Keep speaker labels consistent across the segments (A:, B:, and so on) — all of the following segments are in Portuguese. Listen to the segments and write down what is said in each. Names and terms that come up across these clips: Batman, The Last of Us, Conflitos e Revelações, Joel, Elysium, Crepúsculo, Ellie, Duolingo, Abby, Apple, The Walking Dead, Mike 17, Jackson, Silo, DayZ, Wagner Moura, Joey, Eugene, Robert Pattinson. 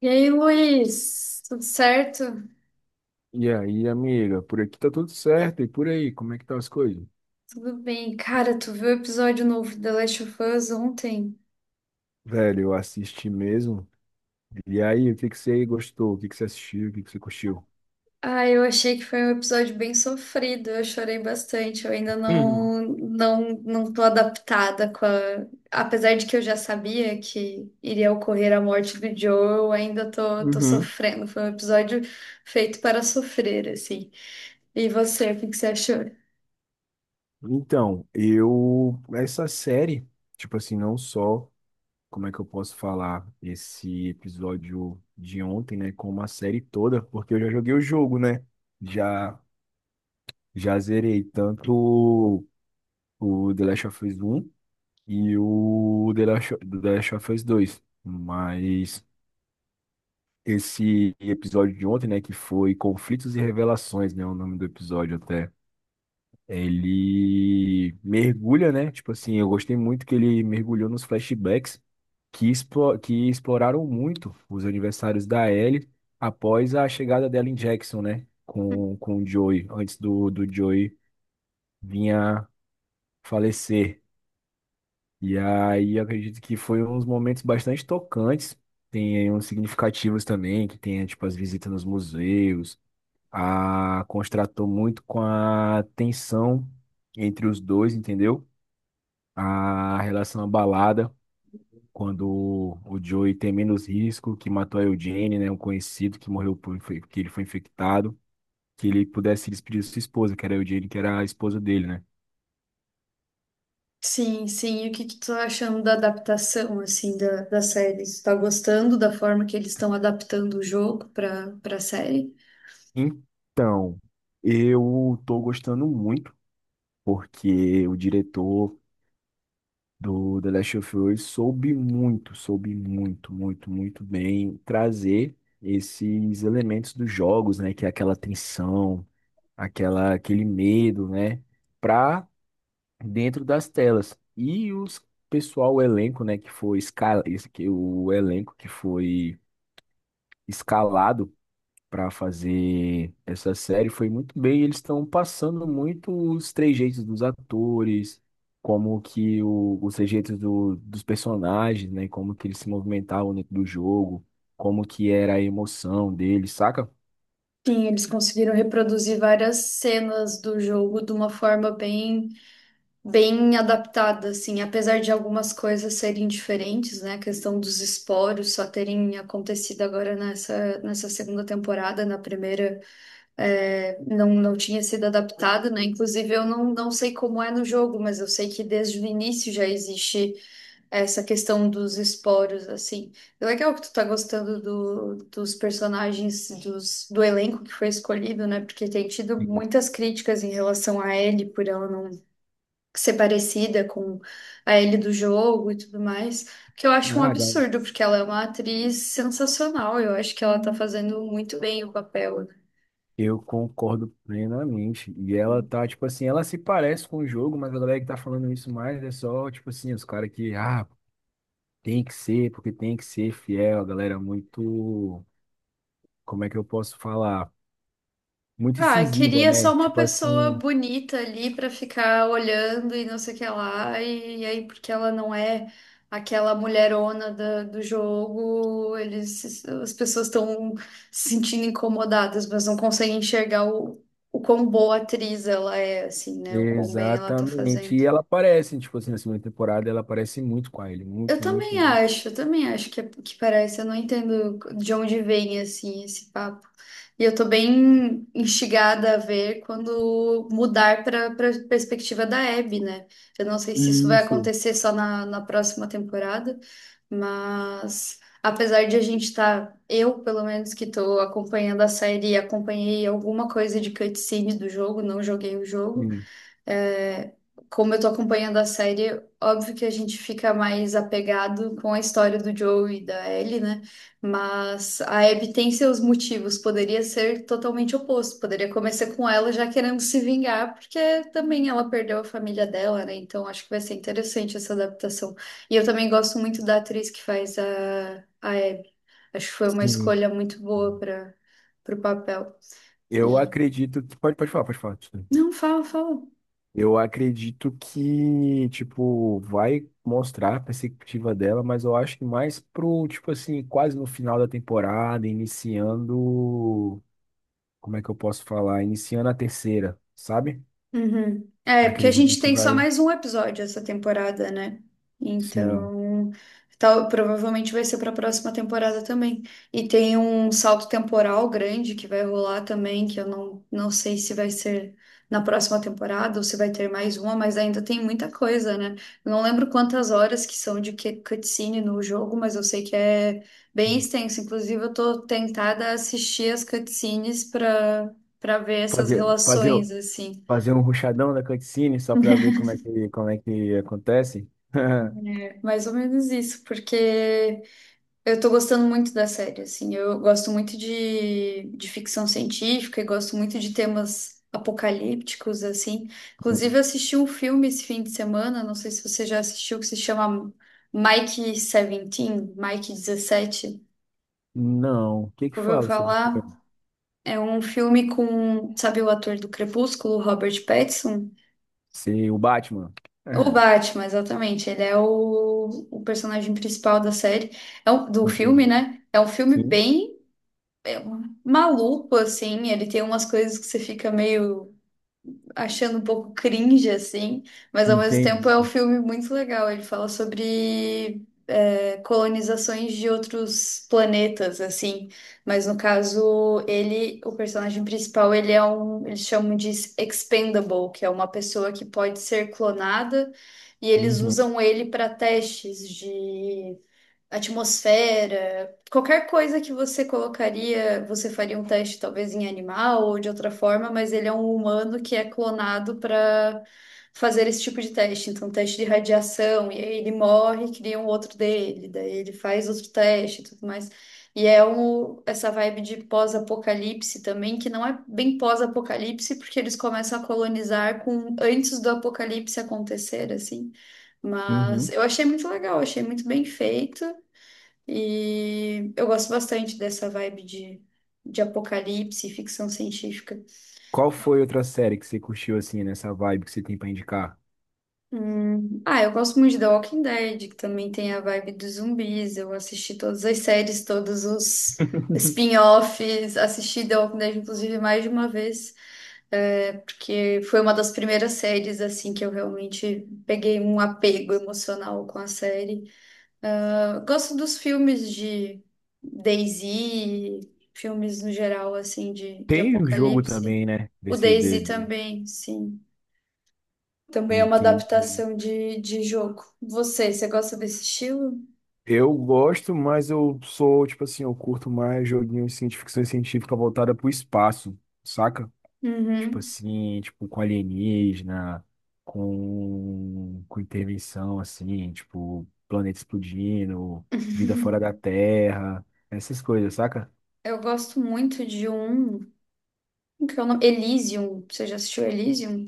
A: E aí, Luiz, tudo certo?
B: E aí, amiga, por aqui tá tudo certo. E por aí, como é que tá as coisas?
A: Tudo bem. Cara, tu viu o episódio novo de The Last of Us ontem?
B: Velho, eu assisti mesmo. E aí, o que que você gostou? O que que você assistiu? O que que você curtiu?
A: Ah, eu achei que foi um episódio bem sofrido, eu chorei bastante, eu ainda
B: Uhum.
A: não tô adaptada Apesar de que eu já sabia que iria ocorrer a morte do Joel, eu ainda tô
B: Uhum.
A: sofrendo. Foi um episódio feito para sofrer, assim. E você, o que que você achou?
B: Então, eu. Essa série, tipo assim, não só. Como é que eu posso falar esse episódio de ontem, né? Como a série toda, porque eu já joguei o jogo, né? Já, já zerei tanto o The Last of Us 1. E o The Last of Us 2. Mas esse episódio de ontem, né, que foi Conflitos e Revelações, né, o nome do episódio até. Ele mergulha, né? Tipo assim, eu gostei muito que ele mergulhou nos flashbacks que, que exploraram muito os aniversários da Ellie após a chegada dela em Jackson, né? Com o Joey, antes do Joey vir a falecer. E aí eu acredito que foi uns momentos bastante tocantes, tem aí uns significativos também, que tem tipo as visitas nos museus, a contrastou muito com a tensão entre os dois, entendeu? A relação abalada quando o Joey tem menos risco, que matou a Eugene, né, um conhecido que morreu por, que ele foi infectado, que ele pudesse se despedir de sua esposa, que era a Eugene, que era a esposa dele, né?
A: Sim, sim. E o que que tu tá achando da adaptação, assim, da série? Tu tá gostando da forma que eles estão adaptando o jogo para série?
B: Então, eu tô gostando muito porque o diretor do The Last of Us soube muito, muito, muito bem trazer esses elementos dos jogos, né, que é aquela tensão, aquela aquele medo, né, para dentro das telas. E os pessoal, o elenco, né, que foi escala, esse que o elenco que foi escalado para fazer essa série foi muito bem. Eles estão passando muito os trejeitos dos atores, como que os trejeitos dos personagens, né? Como que eles se movimentavam dentro do jogo, como que era a emoção deles, saca?
A: Sim, eles conseguiram reproduzir várias cenas do jogo de uma forma bem, bem adaptada, assim, apesar de algumas coisas serem diferentes, né? A questão dos esporos só terem acontecido agora nessa segunda temporada, na primeira. Não tinha sido adaptado, né? Inclusive, eu não sei como é no jogo, mas eu sei que desde o início já existe essa questão dos esporos, assim. É legal que tu tá gostando do, dos personagens, dos, do elenco que foi escolhido, né? Porque tem tido
B: Sim.
A: muitas críticas em relação a Ellie, por ela não ser parecida com a Ellie do jogo e tudo mais, que eu acho um
B: Ah, da-
A: absurdo, porque ela é uma atriz sensacional, eu acho que ela tá fazendo muito bem o papel.
B: Eu concordo plenamente. E ela tá, tipo assim, ela se parece com o jogo, mas a galera que tá falando isso mais é só, tipo assim, os caras que, ah, tem que ser, porque tem que ser fiel, a galera muito, como é que eu posso falar? Muito
A: Ah, eu
B: incisiva,
A: queria só
B: né?
A: uma
B: Tipo
A: pessoa
B: assim,
A: bonita ali pra ficar olhando e não sei o que lá. E, aí, porque ela não é aquela mulherona do jogo, eles, as pessoas estão se sentindo incomodadas, mas não conseguem enxergar o quão boa atriz ela é, assim, né? O quão bem ela tá
B: exatamente.
A: fazendo.
B: E ela aparece, tipo assim, na segunda temporada, ela aparece muito com a ele, muito, muito, muito.
A: Eu também acho que, que parece. Eu não entendo de onde vem assim esse papo. E eu tô bem instigada a ver quando mudar para perspectiva da Abby, né? Eu não sei se isso vai
B: Isso.
A: acontecer só na próxima temporada, mas apesar de a gente estar, eu pelo menos que tô acompanhando a série, acompanhei alguma coisa de cutscene do jogo, não joguei o jogo.
B: Sim.
A: É, como eu tô acompanhando a série, óbvio que a gente fica mais apegado com a história do Joe e da Ellie, né? Mas a Abby tem seus motivos, poderia ser totalmente oposto, poderia começar com ela já querendo se vingar, porque também ela perdeu a família dela, né? Então acho que vai ser interessante essa adaptação. E eu também gosto muito da atriz que faz a Abby. Acho que foi uma
B: Sim.
A: escolha muito boa para o papel.
B: Eu
A: E...
B: acredito que. Pode falar, pode falar. Desculpa.
A: Não, fala, fala.
B: Eu acredito que, tipo, vai mostrar a perspectiva dela, mas eu acho que mais pro, tipo assim, quase no final da temporada, iniciando. Como é que eu posso falar? Iniciando a terceira, sabe?
A: Uhum. É, porque a
B: Acredito
A: gente
B: que
A: tem só
B: vai.
A: mais um episódio essa temporada, né?
B: Sim.
A: Então, tal, provavelmente vai ser para a próxima temporada também. E tem um salto temporal grande que vai rolar também, que eu não sei se vai ser na próxima temporada ou se vai ter mais uma, mas ainda tem muita coisa, né? Eu não lembro quantas horas que são cutscene no jogo, mas eu sei que é bem extenso. Inclusive, eu tô tentada a assistir as cutscenes para ver essas
B: Fazer, fazer,
A: relações, assim.
B: fazer um ruxadão da cutscene só pra ver como é que acontece?
A: Mais ou menos isso, porque eu tô gostando muito da série, assim, eu gosto muito de ficção científica e gosto muito de temas apocalípticos, assim. Inclusive, eu assisti um filme esse fim de semana, não sei se você já assistiu, que se chama Mike 17, Mike 17,
B: Não. O que que
A: ouviu
B: fala sobre o
A: falar?
B: filme?
A: É um filme com, sabe o ator do Crepúsculo, Robert Pattinson?
B: Ser o Batman?
A: O
B: Ah,
A: Batman, exatamente. Ele é o personagem principal da série, do filme,
B: entendi.
A: né? É um filme
B: Sim.
A: bem é, maluco, assim. Ele tem umas coisas que você fica meio achando um pouco cringe, assim. Mas ao mesmo tempo é um
B: Entendi.
A: filme muito legal. Ele fala sobre colonizações de outros planetas, assim. Mas no caso, ele, o personagem principal, ele é um, eles chamam de expendable, que é uma pessoa que pode ser clonada, e eles
B: Uhum.
A: usam ele para testes de atmosfera, qualquer coisa que você colocaria, você faria um teste talvez em animal ou de outra forma, mas ele é um humano que é clonado para fazer esse tipo de teste. Então, teste de radiação, e aí ele morre, cria um outro dele, daí ele faz outro teste e tudo mais. E é um, essa vibe de pós-apocalipse também, que não é bem pós-apocalipse, porque eles começam a colonizar com antes do apocalipse acontecer, assim. Mas
B: Uhum.
A: eu achei muito legal, achei muito bem feito. E eu gosto bastante dessa vibe de apocalipse e ficção científica.
B: Qual foi outra série que você curtiu assim, nessa vibe que você tem pra indicar?
A: Ah, eu gosto muito de The Walking Dead, que também tem a vibe dos zumbis. Eu assisti todas as séries, todos os spin-offs, assisti The Walking Dead, inclusive, mais de uma vez, porque foi uma das primeiras séries assim que eu realmente peguei um apego emocional com a série. Eu gosto dos filmes de DayZ, filmes no geral, assim, de
B: Tem o jogo
A: apocalipse.
B: também, né?
A: O
B: Desse
A: DayZ
B: de...
A: também, sim. Também é uma
B: Entendi.
A: adaptação de jogo. Você gosta desse estilo?
B: Eu gosto, mas eu sou, tipo assim, eu curto mais joguinhos assim, de ficção científica voltada pro espaço, saca? Tipo
A: Uhum.
B: assim, tipo com alienígena, com intervenção, assim, tipo planeta explodindo, vida fora da Terra, essas coisas, saca?
A: Eu gosto muito de um. Como que é o nome? Elysium. Você já assistiu Elysium?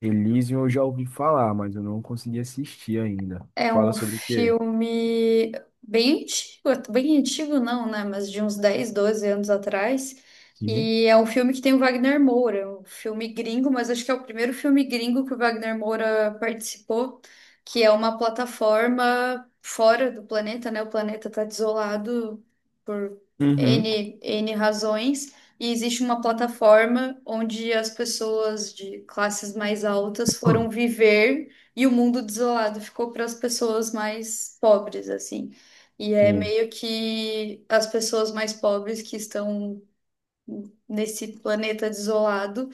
B: Elysium eu já ouvi falar, mas eu não consegui assistir ainda.
A: É
B: Fala
A: um
B: sobre o quê?
A: filme bem bem antigo não, né? Mas de uns 10, 12 anos atrás.
B: Sim.
A: E é um filme que tem o Wagner Moura, um filme gringo, mas acho que é o primeiro filme gringo que o Wagner Moura participou, que é uma plataforma fora do planeta, né? O planeta está desolado por
B: Uhum.
A: N, N razões. E existe uma plataforma onde as pessoas de classes mais altas foram viver e o mundo desolado ficou para as pessoas mais pobres, assim. E é
B: Sim.
A: meio que as pessoas mais pobres que estão nesse planeta desolado,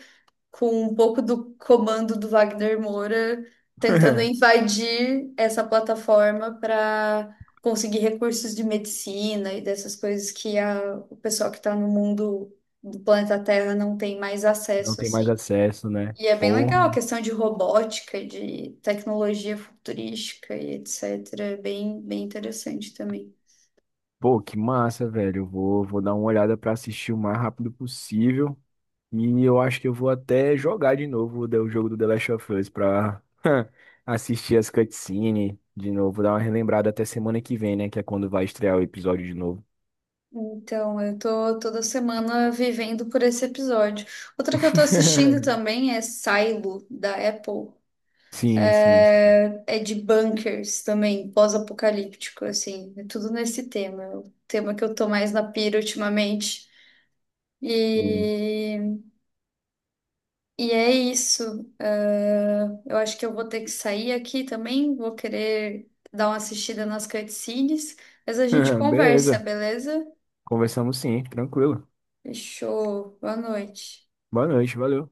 A: com um pouco do comando do Wagner Moura, tentando invadir essa plataforma para conseguir recursos de medicina e dessas coisas que a, o pessoal que está no mundo do planeta Terra não tem mais
B: Não
A: acesso,
B: tem mais
A: assim.
B: acesso, né?
A: E é bem legal a
B: Porra.
A: questão de robótica, de tecnologia futurística e etc. É bem, bem interessante também.
B: Pô, que massa, velho. Eu vou dar uma olhada pra assistir o mais rápido possível. E eu acho que eu vou até jogar de novo o jogo do The Last of Us pra assistir as cutscenes de novo, dar uma relembrada até semana que vem, né? Que é quando vai estrear o episódio de novo.
A: Então, eu tô toda semana vivendo por esse episódio. Outra que eu tô assistindo também é Silo, da Apple.
B: Sim, sim,
A: É de bunkers também, pós-apocalíptico, assim. É tudo nesse tema. É o tema que eu tô mais na pira ultimamente.
B: sim.
A: E E é isso. Ah, eu acho que eu vou ter que sair aqui também. Vou querer dar uma assistida nas cutscenes, mas a gente conversa,
B: Beleza.
A: beleza?
B: Conversamos sim, tranquilo.
A: Fechou. Boa noite.
B: Boa noite, valeu.